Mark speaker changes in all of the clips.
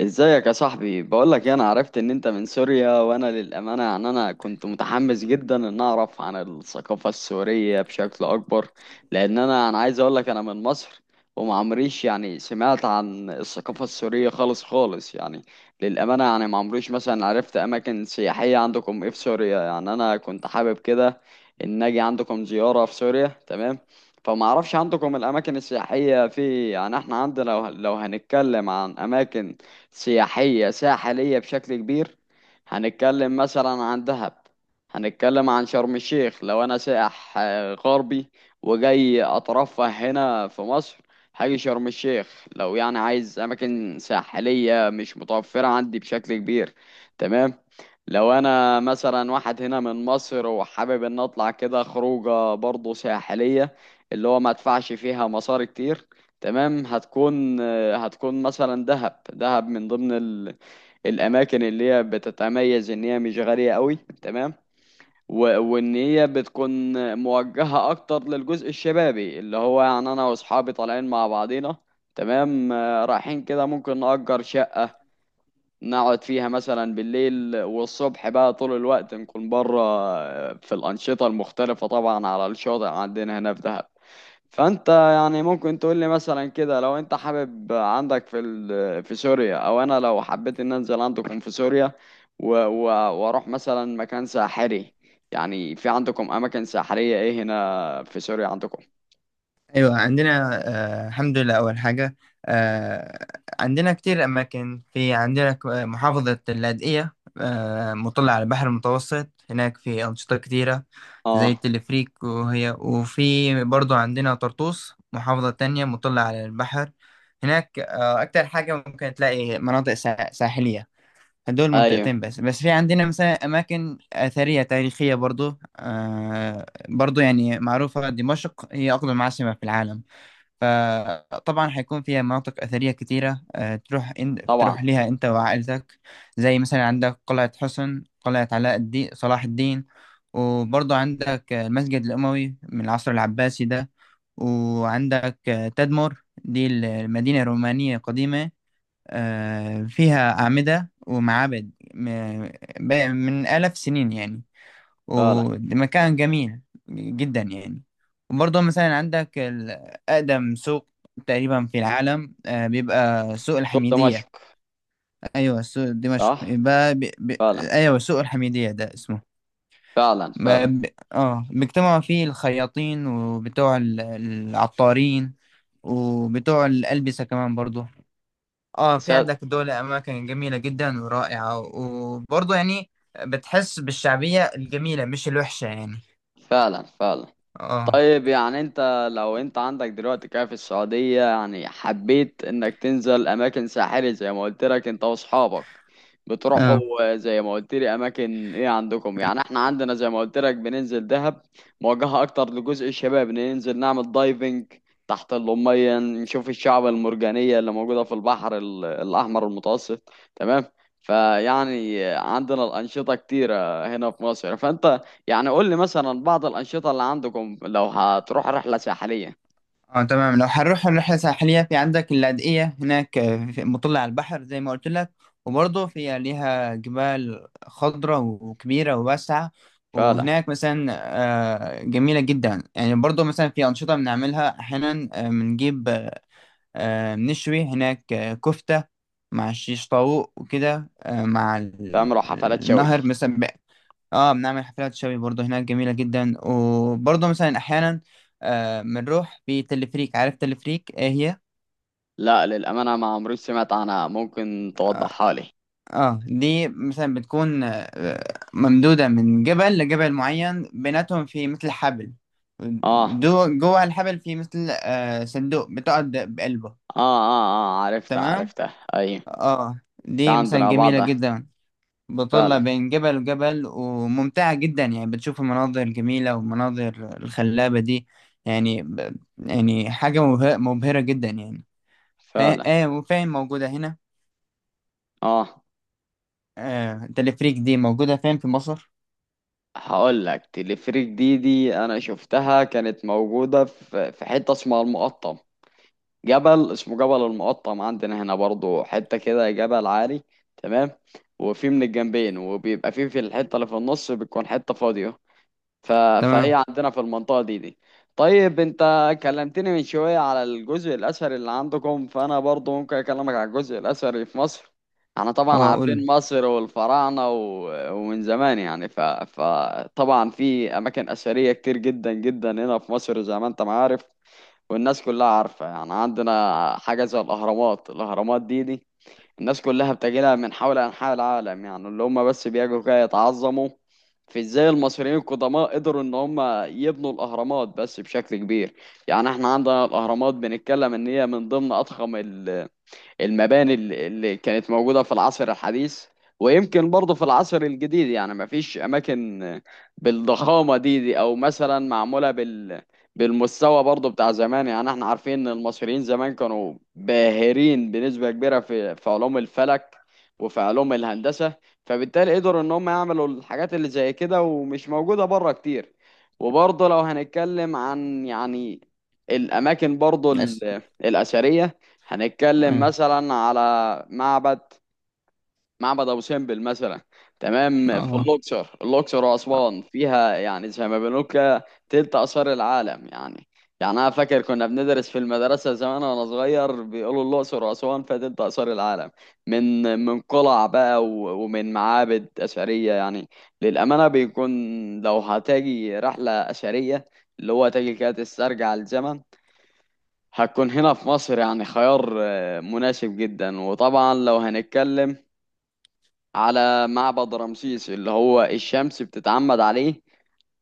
Speaker 1: ازيك يا صاحبي؟ بقول لك انا عرفت ان انت من سوريا، وانا للامانه يعني انا كنت متحمس جدا ان اعرف عن الثقافه السوريه بشكل اكبر. لان انا عايز اقول لك انا من مصر. وما عمريش يعني سمعت عن الثقافه السوريه خالص خالص يعني. للامانه يعني ما عمريش مثلا عرفت اماكن سياحيه عندكم ايه في سوريا، يعني انا كنت حابب كده ان اجي عندكم زياره في سوريا. تمام. فما اعرفش عندكم الاماكن السياحيه. في يعني احنا عندنا لو هنتكلم عن اماكن سياحية ساحلية بشكل كبير، هنتكلم مثلا عن دهب، هنتكلم عن شرم الشيخ. لو أنا سائح غربي وجاي أترفه هنا في مصر، هاجي شرم الشيخ لو يعني عايز أماكن ساحلية مش متوفرة عندي بشكل كبير. تمام. لو أنا مثلا واحد هنا من مصر وحابب إن أطلع كده خروجة برضه ساحلية، اللي هو ما ادفعش فيها مصاري كتير، تمام، هتكون، مثلا دهب، دهب من ضمن الاماكن اللي هي بتتميز ان هي مش غالية قوي. تمام. و... وان هي بتكون موجهة اكتر للجزء الشبابي، اللي هو يعني انا واصحابي طالعين مع بعضينا. تمام، رايحين كده ممكن نأجر شقة نقعد فيها مثلا بالليل، والصبح بقى طول الوقت نكون بره في الأنشطة المختلفة، طبعا على الشاطئ عندنا هنا في دهب. فانت يعني ممكن تقول لي مثلا كده، لو انت حابب عندك في سوريا، او انا لو حبيت ان انزل عندكم في سوريا و- و- واروح مثلا مكان ساحري، يعني في عندكم اماكن ساحرية ايه هنا في سوريا عندكم؟
Speaker 2: ايوه، عندنا. آه، الحمد لله. اول حاجه، آه عندنا كتير اماكن. في عندنا محافظه اللاذقيه، مطلة على البحر المتوسط. هناك في انشطه كتيره زي
Speaker 1: اه.
Speaker 2: التلفريك، وهي، وفي برضو عندنا طرطوس، محافظه تانية مطلة على البحر. هناك اكتر حاجه ممكن تلاقي مناطق ساحليه. هدول
Speaker 1: ايوه.
Speaker 2: منطقتين بس. بس في عندنا مثلا اماكن اثريه تاريخيه برضو، برضو يعني معروفه. دمشق هي اقدم عاصمه في العالم، فطبعا هيكون فيها مناطق أثرية كتيرة.
Speaker 1: طبعا.
Speaker 2: تروح ليها أنت وعائلتك. زي مثلا عندك قلعة حسن، قلعة علاء الدين، صلاح الدين. وبرضه عندك المسجد الأموي من العصر العباسي ده. وعندك تدمر، دي المدينة الرومانية القديمة. فيها أعمدة ومعابد من آلاف سنين يعني.
Speaker 1: فعلا،
Speaker 2: ومكان جميل جدا يعني. وبرضه مثلا عندك أقدم سوق تقريبا في العالم، بيبقى سوق
Speaker 1: سوق دمشق.
Speaker 2: الحميدية. أيوة سوق دمشق،
Speaker 1: صح.
Speaker 2: يبقى
Speaker 1: فعلا.
Speaker 2: أيوة سوق الحميدية ده اسمه.
Speaker 1: فعلا،
Speaker 2: ما
Speaker 1: فعلا.
Speaker 2: ب... اه، بيجتمعوا فيه الخياطين وبتوع العطارين وبتوع الألبسة كمان برضه. اه، في
Speaker 1: سا-
Speaker 2: عندك دول أماكن جميلة جدا ورائعة، وبرضه يعني بتحس بالشعبية الجميلة، مش الوحشة يعني.
Speaker 1: فعلا، فعلا.
Speaker 2: اه.
Speaker 1: طيب، يعني انت لو انت عندك دلوقتي كده في السعودية، يعني حبيت انك تنزل اماكن ساحلة زي ما قلت لك انت واصحابك،
Speaker 2: اه.
Speaker 1: بتروحوا زي ما قلت لي اماكن ايه عندكم؟ يعني احنا عندنا زي ما قلت لك بننزل دهب، موجهة اكتر لجزء الشباب، ننزل نعمل دايفنج تحت المية نشوف الشعب المرجانية اللي موجودة في البحر الاحمر المتوسط. تمام. فيعني عندنا الانشطة كتيرة هنا في مصر. فانت يعني قول لي مثلا بعض الأنشطة اللي عندكم لو هتروح رحلة ساحلية.
Speaker 2: اه، تمام. لو هنروح رحلة ساحلية في عندك اللاذقية. هناك مطلة على البحر زي ما قلت لك، وبرضه فيها ليها جبال خضراء وكبيرة وواسعة.
Speaker 1: فعلا.
Speaker 2: وهناك مثلا جميلة جدا يعني. برضه مثلا في أنشطة بنعملها أحيانا. آه، بنجيب آه، آه، بنشوي هناك كفتة مع الشيش طاووق وكده، مع
Speaker 1: تعملوا حفلات شوي.
Speaker 2: النهر مثلا. اه، بنعمل حفلات شوي برضه. هناك جميلة جدا. وبرضه مثلا أحيانا بنروح بتلفريك. عارف تلفريك ايه هي؟
Speaker 1: لا، للأمانة ما عمري سمعت عنها، ممكن
Speaker 2: اه.
Speaker 1: توضحها لي؟
Speaker 2: دي مثلا بتكون ممدودة من جبل لجبل معين بيناتهم، في مثل حبل.
Speaker 1: آه، آه.
Speaker 2: دو جوه الحبل في مثل صندوق بتقعد بقلبه.
Speaker 1: آه، آه، عرفتها،
Speaker 2: تمام؟
Speaker 1: عرفتها، أيوة.
Speaker 2: اه،
Speaker 1: في
Speaker 2: دي مثلا
Speaker 1: عندنا
Speaker 2: جميلة
Speaker 1: بعضها.
Speaker 2: جدا، بطلة
Speaker 1: فعلا،
Speaker 2: بين جبل وجبل، وممتعة جدا يعني. بتشوف المناظر الجميلة والمناظر الخلابة دي. يعني حاجة مبهرة جدا يعني. اه.
Speaker 1: فعلا.
Speaker 2: اه. وفين موجودة هنا؟
Speaker 1: آه.
Speaker 2: تلفريك دي موجودة فين في مصر؟
Speaker 1: هقول لك. تلفريك دي أنا شفتها كانت موجودة في حتة اسمها المقطم، جبل اسمه جبل المقطم عندنا هنا برضو، حتة كده جبل عالي. تمام. وفي من الجنبين، وبيبقى في الحتة اللي في النص بتكون حتة فاضية. ف... فهي
Speaker 2: تمام.
Speaker 1: عندنا في المنطقة دي. طيب، انت كلمتني من شوية على الجزء الأثري اللي عندكم، فأنا برضو ممكن أكلمك على الجزء الأثري في مصر. احنا طبعا
Speaker 2: اه، قول
Speaker 1: عارفين
Speaker 2: لي.
Speaker 1: مصر والفراعنة ومن زمان يعني. ف... فطبعا في أماكن أثرية كتير جدا جدا هنا في مصر زي ما انت ما عارف، والناس كلها عارفة. يعني عندنا حاجة زي الأهرامات. الأهرامات دي الناس كلها بتجيلها من حول أنحاء العالم، يعني اللي هم بس بيجوا كده يتعظموا في ازاي المصريين القدماء قدروا ان هم يبنوا الأهرامات، بس بشكل كبير. يعني احنا عندنا الأهرامات بنتكلم ان هي من ضمن أضخم المباني اللي كانت موجودة في العصر الحديث، ويمكن برضه في العصر الجديد، يعني ما فيش أماكن بالضخامة دي أو مثلا معمولة بالمستوى برضه بتاع زمان. يعني احنا عارفين ان المصريين زمان كانوا باهرين بنسبة كبيرة في علوم الفلك وفي علوم الهندسة، فبالتالي قدروا ان هم يعملوا الحاجات اللي زي كده ومش موجودة بره كتير. وبرضه لو هنتكلم عن يعني الأماكن برضه
Speaker 2: بس.
Speaker 1: الأثرية، هنتكلم
Speaker 2: اه.
Speaker 1: مثلا على معبد معبد ابو سمبل مثلا. تمام. في
Speaker 2: اه،
Speaker 1: الاقصر، واسوان فيها يعني زي ما بنقول كده تلت اثار العالم يعني. يعني انا فاكر كنا بندرس في المدرسه زمان وانا صغير، بيقولوا الاقصر واسوان فيها تلت اثار العالم، من قلع بقى و- ومن معابد اثريه يعني. للامانه بيكون، لو هتاجي رحله اثريه، اللي هو تاجي كده تسترجع الزمن، هتكون هنا في مصر يعني خيار مناسب جدا. وطبعا لو هنتكلم على معبد رمسيس، اللي هو الشمس بتتعمد عليه،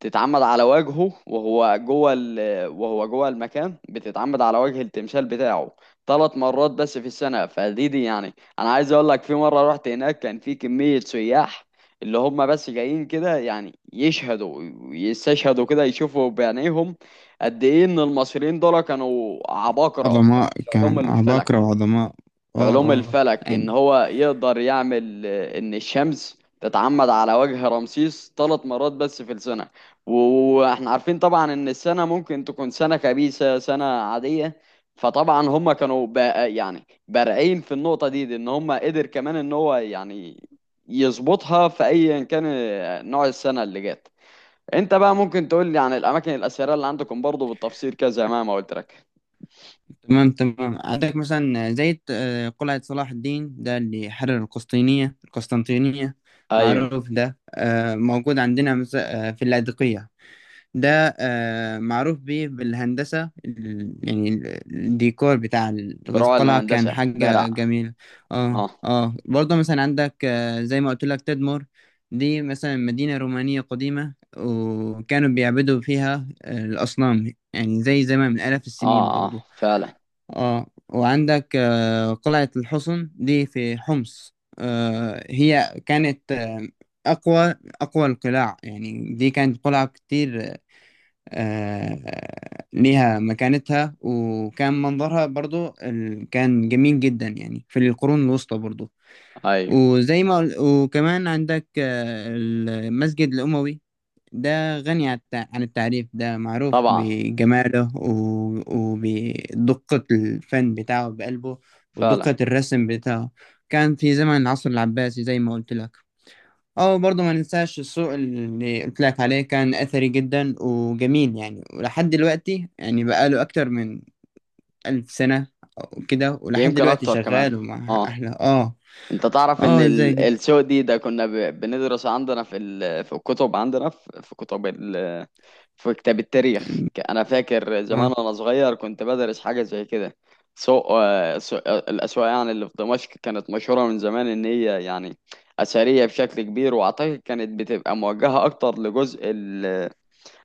Speaker 1: تتعمد على وجهه وهو جوه وهو جوه المكان بتتعمد على وجه التمثال بتاعه 3 مرات بس في السنة. فدي يعني، انا عايز اقول لك في مرة رحت هناك كان في كمية سياح اللي هم بس جايين كده، يعني يشهدوا، يستشهدوا كده يشوفوا بعينيهم قد ايه ان المصريين دول كانوا عباقرة في،
Speaker 2: عظماء.
Speaker 1: في علوم
Speaker 2: كان
Speaker 1: الفلك،
Speaker 2: عباقرة وعظماء.
Speaker 1: في
Speaker 2: اه.
Speaker 1: علوم
Speaker 2: اه،
Speaker 1: الفلك، ان هو يقدر يعمل ان الشمس تتعمد على وجه رمسيس 3 مرات بس في السنة. و- واحنا عارفين طبعا ان السنة ممكن تكون سنة خبيثة، سنة عادية، فطبعا هم كانوا بقى يعني بارعين في النقطة دي، ان هم قدر كمان ان هو يعني يظبطها في ايا كان نوع السنة اللي جت. انت بقى ممكن تقول لي عن الاماكن الاثيريه اللي عندكم برضو بالتفصيل كذا، زي ما قلت لك؟
Speaker 2: تمام تمام. عندك مثلا زي قلعة صلاح الدين ده اللي حرر القسطنطينية،
Speaker 1: ايوه،
Speaker 2: معروف ده. موجود عندنا في اللاذقية. ده معروف بيه بالهندسة يعني الديكور بتاع
Speaker 1: بروع
Speaker 2: القلعة، كان
Speaker 1: الهندسه،
Speaker 2: حاجة
Speaker 1: بارع.
Speaker 2: جميلة. اه.
Speaker 1: اه،
Speaker 2: اه، برضه مثلا عندك زي ما قلت لك تدمر. دي مثلا مدينة رومانية قديمة، وكانوا بيعبدوا فيها الأصنام يعني، زي زمان من آلاف
Speaker 1: اه،
Speaker 2: السنين
Speaker 1: اه.
Speaker 2: برضه.
Speaker 1: فعلا.
Speaker 2: اه. وعندك قلعة الحصن دي في حمص. هي كانت أقوى أقوى القلاع يعني. دي كانت قلعة كتير، ليها مكانتها، وكان منظرها برضو كان جميل جدا يعني في القرون الوسطى برضو.
Speaker 1: ايوه،
Speaker 2: وزي ما قل- وكمان عندك المسجد الأموي. ده غني عن عن التعريف. ده معروف
Speaker 1: طبعا.
Speaker 2: بجماله وبدقة الفن بتاعه بقلبه،
Speaker 1: فعلا.
Speaker 2: ودقة الرسم بتاعه. كان في زمن العصر العباسي زي ما قلت لك. اه، برضه ما ننساش السوق اللي قلت لك عليه، كان أثري جدا وجميل يعني، ولحد دلوقتي يعني بقاله أكتر من 1000 سنة أو كده. ولحد
Speaker 1: يمكن
Speaker 2: دلوقتي
Speaker 1: اكتر كمان.
Speaker 2: شغال ومع
Speaker 1: اه.
Speaker 2: أهله. اه.
Speaker 1: انت تعرف ان
Speaker 2: اه، ازاي كده؟
Speaker 1: السوق دي ده كنا بندرس عندنا في الكتب، عندنا في كتب في كتاب التاريخ. انا فاكر
Speaker 2: اه.
Speaker 1: زمان وانا صغير كنت بدرس حاجه زي كده. الاسواق يعني اللي في دمشق كانت مشهوره من زمان ان هي يعني اثريه بشكل كبير، واعتقد كانت بتبقى موجهه اكتر لجزء،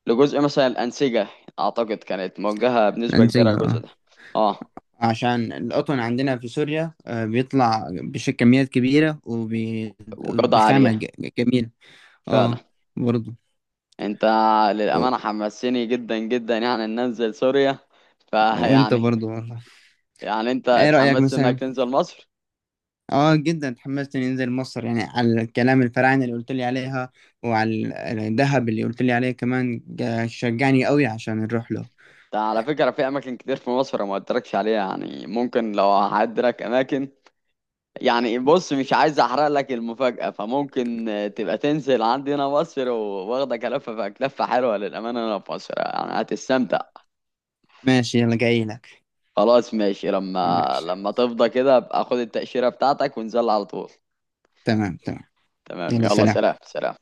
Speaker 1: مثلا الأنسجة، أعتقد كانت موجهة بنسبة
Speaker 2: انسجه.
Speaker 1: كبيرة الجزء
Speaker 2: اه،
Speaker 1: ده. اه،
Speaker 2: عشان القطن عندنا في سوريا بيطلع كميات كبيرة
Speaker 1: وجودة
Speaker 2: وبخامة
Speaker 1: عالية.
Speaker 2: جميلة. اه.
Speaker 1: فعلا.
Speaker 2: برضو.
Speaker 1: انت،
Speaker 2: و-
Speaker 1: للأمانة حمسني جدا جدا يعني إن أنزل سوريا.
Speaker 2: وانت
Speaker 1: فيعني
Speaker 2: برضو والله،
Speaker 1: يعني انت
Speaker 2: ايه رأيك
Speaker 1: اتحمست انك
Speaker 2: مثلا؟
Speaker 1: تنزل مصر؟
Speaker 2: اه، جدا اتحمست اني انزل مصر يعني، على الكلام الفراعنة اللي قلت لي عليها، وعلى الذهب اللي قلت لي عليه كمان. شجعني قوي عشان نروح له.
Speaker 1: ده على فكرة، في أماكن كتير في مصر ما قلتلكش عليها، يعني ممكن لو هعدلك أماكن. يعني بص، مش عايز أحرق لك المفاجأة، فممكن تبقى تنزل عندنا مصر، وواخدك ألفة في لفة حلوة للأمانة هنا في مصر يعني هتستمتع.
Speaker 2: ماشي، يلا جاي لك.
Speaker 1: خلاص، ماشي. لما
Speaker 2: ماشي،
Speaker 1: لما تفضى كده ابقى خد التأشيرة بتاعتك ونزل على طول.
Speaker 2: تمام تمام.
Speaker 1: تمام.
Speaker 2: يلا
Speaker 1: يلا سلام،
Speaker 2: سلام.
Speaker 1: سلام.